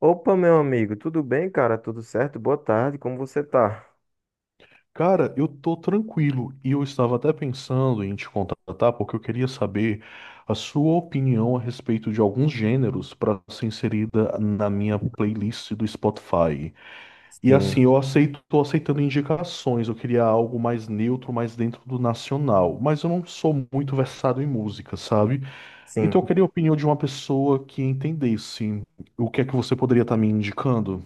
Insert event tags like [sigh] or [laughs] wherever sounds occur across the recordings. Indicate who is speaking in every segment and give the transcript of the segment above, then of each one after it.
Speaker 1: Opa, meu amigo, tudo bem, cara? Tudo certo? Boa tarde, como você tá?
Speaker 2: Cara, eu tô tranquilo e eu estava até pensando em te contratar porque eu queria saber a sua opinião a respeito de alguns gêneros para ser inserida na minha playlist do Spotify. E assim,
Speaker 1: Sim,
Speaker 2: eu aceito, tô aceitando indicações, eu queria algo mais neutro, mais dentro do nacional, mas eu não sou muito versado em música, sabe?
Speaker 1: sim.
Speaker 2: Então eu queria a opinião de uma pessoa que entendesse o que é que você poderia estar me indicando.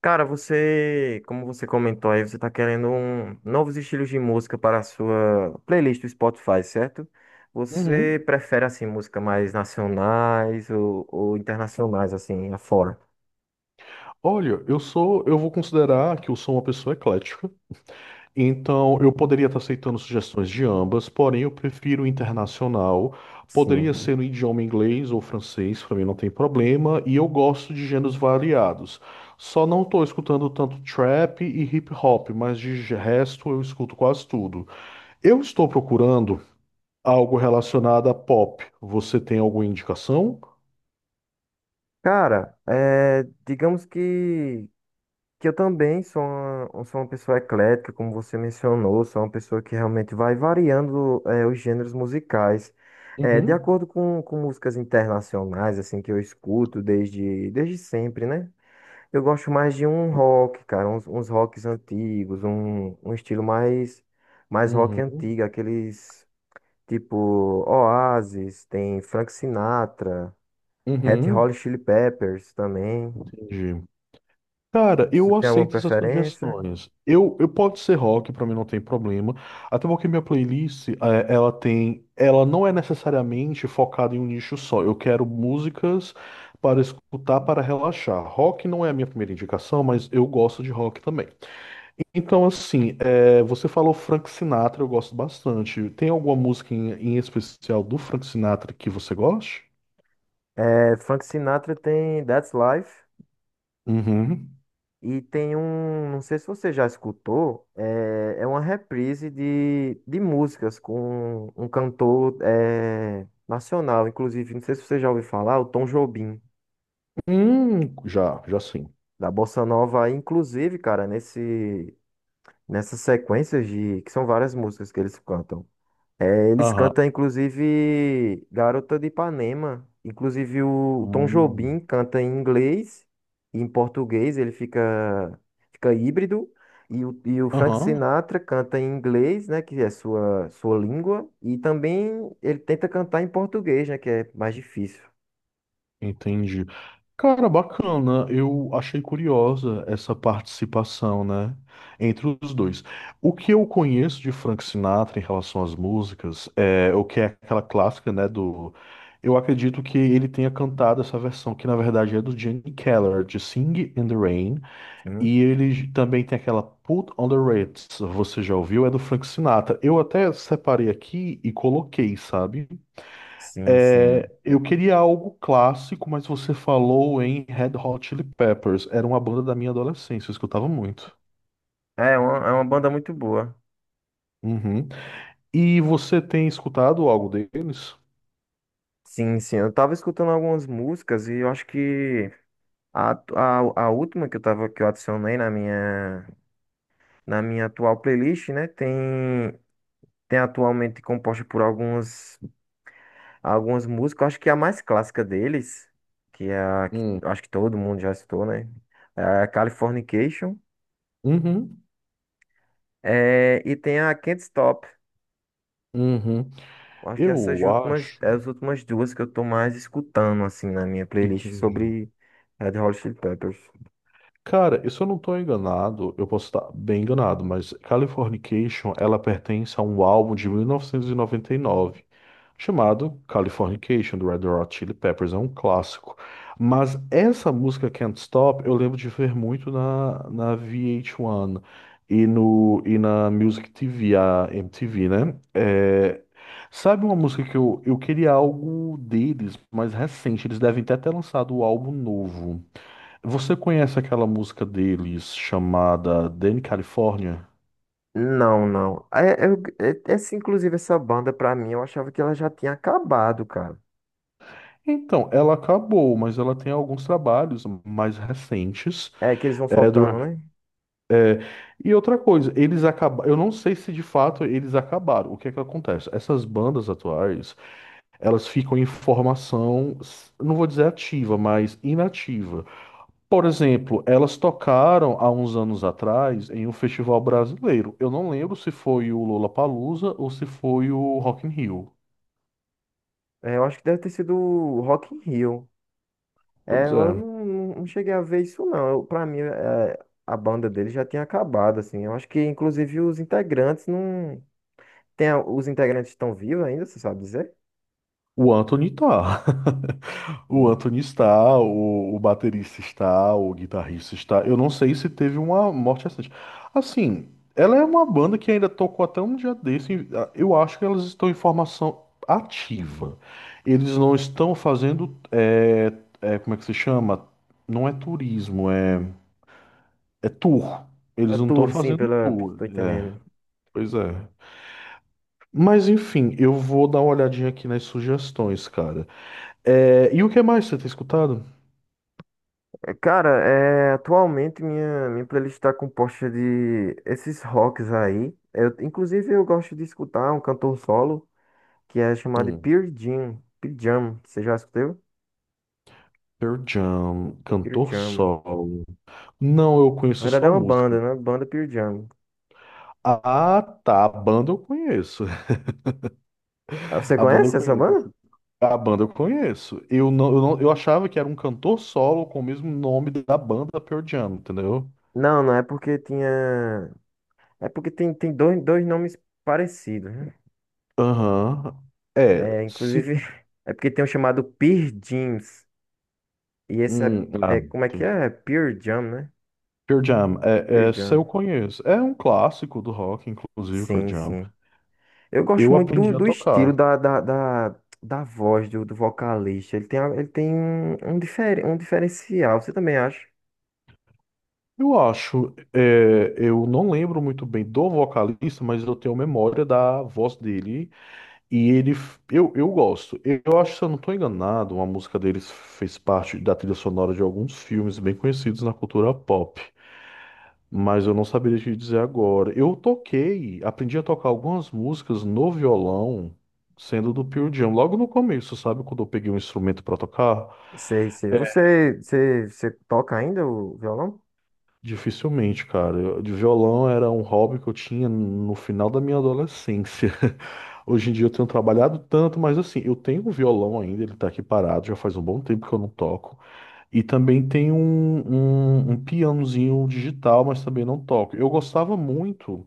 Speaker 1: Cara, como você comentou aí, você tá querendo novos estilos de música para a sua playlist do Spotify, certo? Você
Speaker 2: Uhum.
Speaker 1: prefere, assim, música mais nacionais ou internacionais, assim, afora?
Speaker 2: Olha, eu vou considerar que eu sou uma pessoa eclética. Então, eu poderia estar aceitando sugestões de ambas, porém eu prefiro internacional. Poderia
Speaker 1: Sim.
Speaker 2: ser no idioma inglês ou francês, para mim não tem problema, e eu gosto de gêneros variados. Só não estou escutando tanto trap e hip hop, mas resto eu escuto quase tudo. Eu estou procurando algo relacionado a pop. Você tem alguma indicação?
Speaker 1: Cara, digamos que eu também sou uma pessoa eclética, como você mencionou, sou uma pessoa que realmente vai variando, os gêneros musicais. De
Speaker 2: Uhum,
Speaker 1: acordo com músicas internacionais, assim, que eu escuto desde sempre, né? Eu gosto mais de um rock, cara, uns rocks antigos, um estilo mais, mais rock
Speaker 2: uhum,
Speaker 1: antigo, aqueles tipo Oasis, tem Frank Sinatra, Red Hot
Speaker 2: uhum,
Speaker 1: Chili Peppers também.
Speaker 2: entendi. Cara,
Speaker 1: Você
Speaker 2: eu
Speaker 1: tem alguma
Speaker 2: aceito essas
Speaker 1: preferência?
Speaker 2: sugestões. Eu pode ser rock, pra mim não tem problema. Até porque minha playlist, ela tem, ela não é necessariamente focada em um nicho só. Eu quero músicas para escutar, para relaxar. Rock não é a minha primeira indicação, mas eu gosto de rock também. Então, assim, você falou Frank Sinatra, eu gosto bastante. Tem alguma música em especial do Frank Sinatra que você goste?
Speaker 1: É, Frank Sinatra tem That's Life
Speaker 2: Uhum.
Speaker 1: e tem um, não sei se você já escutou, é uma reprise de músicas com um cantor é, nacional, inclusive, não sei se você já ouviu falar, o Tom Jobim,
Speaker 2: Hum, já sim.
Speaker 1: da Bossa Nova, inclusive, cara, nesse, nessas sequências de, que são várias músicas que eles cantam. É, eles
Speaker 2: Aham.
Speaker 1: cantam, inclusive, Garota de Ipanema. Inclusive, o Tom
Speaker 2: Hum.
Speaker 1: Jobim canta em inglês e em português, fica híbrido. E o Frank
Speaker 2: Aham.
Speaker 1: Sinatra canta em inglês, né, que é sua língua. E também ele tenta cantar em português, né, que é mais difícil.
Speaker 2: Entendi. Cara, bacana. Eu achei curiosa essa participação, né, entre os dois. O que eu conheço de Frank Sinatra em relação às músicas é o que é aquela clássica, né, do... Eu acredito que ele tenha cantado essa versão que na verdade é do Gene Keller, de Sing in the Rain,
Speaker 1: Sim,
Speaker 2: e ele também tem aquela Put on the Ritz, você já ouviu? É do Frank Sinatra. Eu até separei aqui e coloquei, sabe?
Speaker 1: sim,
Speaker 2: É,
Speaker 1: sim.
Speaker 2: eu queria algo clássico, mas você falou em Red Hot Chili Peppers. Era uma banda da minha adolescência, eu escutava muito.
Speaker 1: É uma banda muito boa.
Speaker 2: Uhum. E você tem escutado algo deles?
Speaker 1: Sim, sim. Eu tava escutando algumas músicas e eu acho que a última que eu tava, que eu adicionei na minha. Na minha atual playlist, né? Tem, tem atualmente composta por algumas, algumas músicas. Eu acho que a mais clássica deles, que é a que eu
Speaker 2: Hum.
Speaker 1: acho que todo mundo já citou, né? É a Californication.
Speaker 2: Uhum.
Speaker 1: É, e tem a Can't Stop.
Speaker 2: Uhum.
Speaker 1: Eu acho que essas
Speaker 2: Eu
Speaker 1: últimas,
Speaker 2: acho.
Speaker 1: é as últimas duas que eu tô mais escutando, assim, na minha playlist
Speaker 2: Entendi.
Speaker 1: sobre Red Hot Chili Peppers.
Speaker 2: Cara, e se eu não estou enganado, eu posso estar bem enganado, mas Californication, ela pertence a um álbum de 1999, chamado Californication, do Red Hot Chili Peppers, é um clássico. Mas essa música Can't Stop, eu lembro de ver muito na VH1 e, no, e na Music TV, a MTV, né? É, sabe, uma música que eu queria algo deles, mais recente, eles devem até ter lançado o álbum novo. Você conhece aquela música deles chamada Danny California?
Speaker 1: Não, não. Inclusive, essa banda, pra mim, eu achava que ela já tinha acabado, cara.
Speaker 2: Então, ela acabou, mas ela tem alguns trabalhos mais recentes.
Speaker 1: É que eles vão
Speaker 2: É, do
Speaker 1: soltando, né?
Speaker 2: É, e outra coisa, eles acabaram. Eu não sei se de fato eles acabaram. O que é que acontece? Essas bandas atuais, elas ficam em formação, não vou dizer ativa, mas inativa. Por exemplo, elas tocaram há uns anos atrás em um festival brasileiro. Eu não lembro se foi o Lollapalooza ou se foi o Rock in Rio.
Speaker 1: É, eu acho que deve ter sido o Rock in Rio. É,
Speaker 2: Pois é.
Speaker 1: eu não, não cheguei a ver isso não. Eu, pra mim, é, a banda dele já tinha acabado, assim. Eu acho que, inclusive, os integrantes não... Tem, a- os integrantes estão vivos ainda, você sabe dizer?
Speaker 2: O Anthony tá. [laughs] O
Speaker 1: Sim.
Speaker 2: Anthony está, o baterista está, o guitarrista está. Eu não sei se teve uma morte recente. Assim, ela é uma banda que ainda tocou até um dia desse. Eu acho que elas estão em formação ativa. Eles não estão fazendo. Como é que se chama? Não é turismo, é tour.
Speaker 1: A
Speaker 2: Eles não estão
Speaker 1: tour, sim,
Speaker 2: fazendo
Speaker 1: pela...
Speaker 2: tour.
Speaker 1: Tô
Speaker 2: É,
Speaker 1: entendendo.
Speaker 2: pois é. Mas enfim, eu vou dar uma olhadinha aqui nas sugestões, cara. É, e o que mais você tem escutado?
Speaker 1: Atualmente minha, minha playlist tá composta de esses rocks aí. Eu, inclusive, eu gosto de escutar um cantor solo que é chamado de
Speaker 2: Hum.
Speaker 1: Pearl Jam. Pearl Jam, você já escutou?
Speaker 2: Pearl Jam,
Speaker 1: Pearl
Speaker 2: cantor
Speaker 1: Jam.
Speaker 2: solo. Não, eu
Speaker 1: Na
Speaker 2: conheço
Speaker 1: verdade
Speaker 2: só
Speaker 1: é
Speaker 2: a
Speaker 1: uma
Speaker 2: música.
Speaker 1: banda, né? Banda Pearl Jam.
Speaker 2: Ah, tá. A banda eu conheço. [laughs]
Speaker 1: Ah, você
Speaker 2: A banda eu
Speaker 1: conhece essa banda?
Speaker 2: conheço. A banda eu conheço. Eu não, eu não, eu achava que era um cantor solo com o mesmo nome da banda Pearl Jam, entendeu?
Speaker 1: Não, não é porque tinha. É porque tem, tem dois nomes parecidos, né?
Speaker 2: Aham. É,
Speaker 1: É,
Speaker 2: se.
Speaker 1: inclusive, [laughs] é porque tem um chamado Pearl Jeans. E esse é,
Speaker 2: Hum, ah,
Speaker 1: é. Como é que
Speaker 2: entendi.
Speaker 1: é? É Pearl Jam, né?
Speaker 2: Pearl Jam, é,
Speaker 1: Pearl
Speaker 2: essa eu
Speaker 1: Jam.
Speaker 2: conheço. É um clássico do rock, inclusive, Pearl
Speaker 1: Sim,
Speaker 2: Jam.
Speaker 1: sim. Eu gosto
Speaker 2: Eu
Speaker 1: muito do,
Speaker 2: aprendi a
Speaker 1: do estilo
Speaker 2: tocar.
Speaker 1: da voz do, do vocalista. Ele tem, a- ele tem um, diferen- um diferencial. Você também acha?
Speaker 2: Eu acho, é, eu não lembro muito bem do vocalista, mas eu tenho memória da voz dele e eu gosto. Eu acho, se eu não estou enganado, uma música deles fez parte da trilha sonora de alguns filmes bem conhecidos na cultura pop, mas eu não saberia te dizer agora. Eu toquei, aprendi a tocar algumas músicas no violão, sendo do Pearl Jam, logo no começo, sabe, quando eu peguei um instrumento para tocar.
Speaker 1: Sei, sei. Você toca ainda o violão?
Speaker 2: Dificilmente, cara. De violão era um hobby que eu tinha no final da minha adolescência. [laughs] Hoje em dia eu tenho trabalhado tanto, mas assim, eu tenho um violão ainda, ele tá aqui parado, já faz um bom tempo que eu não toco. E também tenho um pianozinho digital, mas também não toco. Eu gostava muito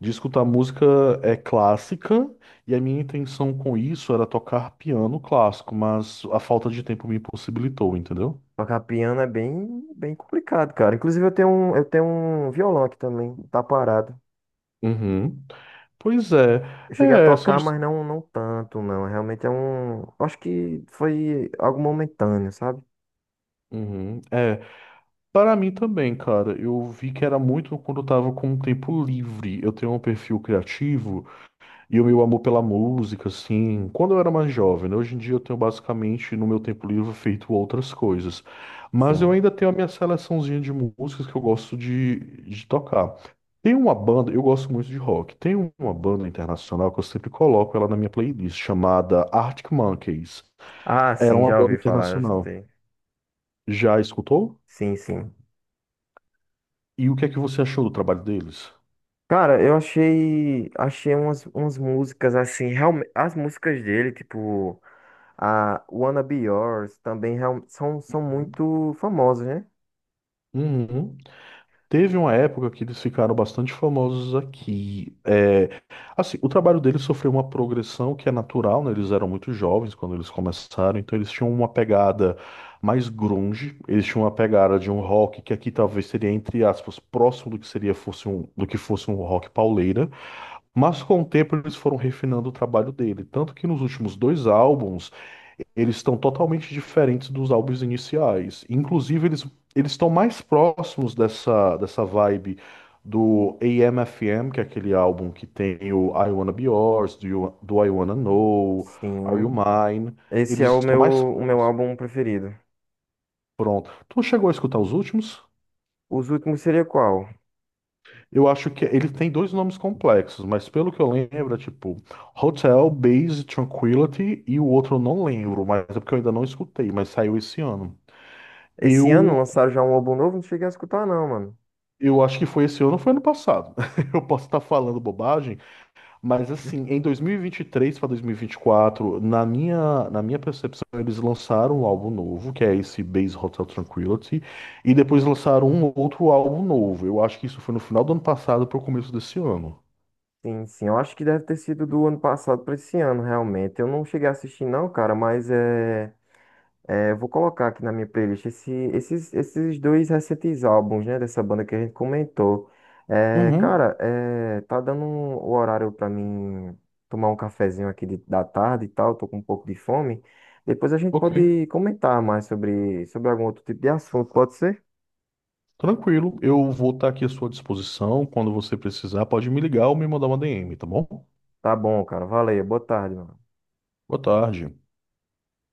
Speaker 2: de escutar música, clássica, e a minha intenção com isso era tocar piano clássico, mas a falta de tempo me impossibilitou, entendeu?
Speaker 1: Tocar piano é bem, bem complicado, cara. Inclusive, eu tenho um violão aqui também, tá parado.
Speaker 2: Uhum. Pois é.
Speaker 1: Eu cheguei a
Speaker 2: É, são...
Speaker 1: tocar, mas não tanto, não. Realmente é um. Acho que foi algo momentâneo, sabe?
Speaker 2: Uhum. É, para mim também, cara, eu vi que era muito quando eu tava com um tempo livre. Eu tenho um perfil criativo e o meu amor pela música, assim, quando eu era mais jovem, né? Hoje em dia eu tenho basicamente no meu tempo livre feito outras coisas. Mas eu
Speaker 1: Sim.
Speaker 2: ainda tenho a minha seleçãozinha de músicas que eu gosto de tocar. Tem uma banda, eu gosto muito de rock. Tem uma banda internacional que eu sempre coloco ela na minha playlist, chamada Arctic Monkeys.
Speaker 1: Ah,
Speaker 2: Era
Speaker 1: sim,
Speaker 2: uma
Speaker 1: já
Speaker 2: banda
Speaker 1: ouvi falar, já
Speaker 2: internacional.
Speaker 1: escutei.
Speaker 2: Já escutou?
Speaker 1: Sim, sim.
Speaker 2: E o que é que você achou do trabalho deles?
Speaker 1: Cara, achei umas, umas músicas assim, realmente, as músicas dele, tipo, a Wanna Be Yours, também real- são
Speaker 2: Uhum.
Speaker 1: muito famosas, né?
Speaker 2: Uhum. Teve uma época que eles ficaram bastante famosos aqui. É, assim, o trabalho deles sofreu uma progressão que é natural, né? Eles eram muito jovens quando eles começaram, então eles tinham uma pegada mais grunge, eles tinham uma pegada de um rock que aqui talvez seria, entre aspas, próximo do que seria do que fosse um rock pauleira. Mas com o tempo eles foram refinando o trabalho dele, tanto que nos últimos dois álbuns eles estão totalmente diferentes dos álbuns iniciais. Inclusive eles Eles estão mais próximos dessa vibe do AM/FM, que é aquele álbum que tem o I Wanna Be Yours, do I Wanna Know, Are You
Speaker 1: Sim.
Speaker 2: Mine.
Speaker 1: Esse é
Speaker 2: Eles estão mais
Speaker 1: o meu
Speaker 2: próximos.
Speaker 1: álbum preferido.
Speaker 2: Pronto. Tu chegou a escutar os últimos?
Speaker 1: Os últimos seria qual?
Speaker 2: Eu acho que ele tem dois nomes complexos, mas pelo que eu lembro, é tipo Hotel Base Tranquility e o outro eu não lembro, mas é porque eu ainda não escutei, mas saiu esse ano.
Speaker 1: Esse ano
Speaker 2: Eu
Speaker 1: lançaram já um álbum novo? Não cheguei a escutar, não, mano.
Speaker 2: eu acho que foi esse ano, ou foi ano passado. [laughs] Eu posso estar falando bobagem, mas assim, em 2023 para 2024, na minha percepção, eles lançaram um álbum novo, que é esse Base Hotel Tranquility, e depois lançaram um outro álbum novo. Eu acho que isso foi no final do ano passado para o começo desse ano.
Speaker 1: Sim, sim. Eu acho que deve ter sido do ano passado pra esse ano, realmente. Eu não cheguei a assistir, não, cara, mas é. É, vou colocar aqui na minha playlist esse- esses, esses dois recentes álbuns, né, dessa banda que a gente comentou.
Speaker 2: Uhum.
Speaker 1: Tá dando um- o horário pra mim tomar um cafezinho aqui de- da tarde e tal, tô com um pouco de fome. Depois a gente
Speaker 2: Ok.
Speaker 1: pode comentar mais sobre algum outro tipo de assunto, pode ser?
Speaker 2: Tranquilo, eu vou estar aqui à sua disposição. Quando você precisar, pode me ligar ou me mandar uma DM, tá bom?
Speaker 1: Tá bom, cara. Valeu. Boa tarde, mano.
Speaker 2: Boa tarde.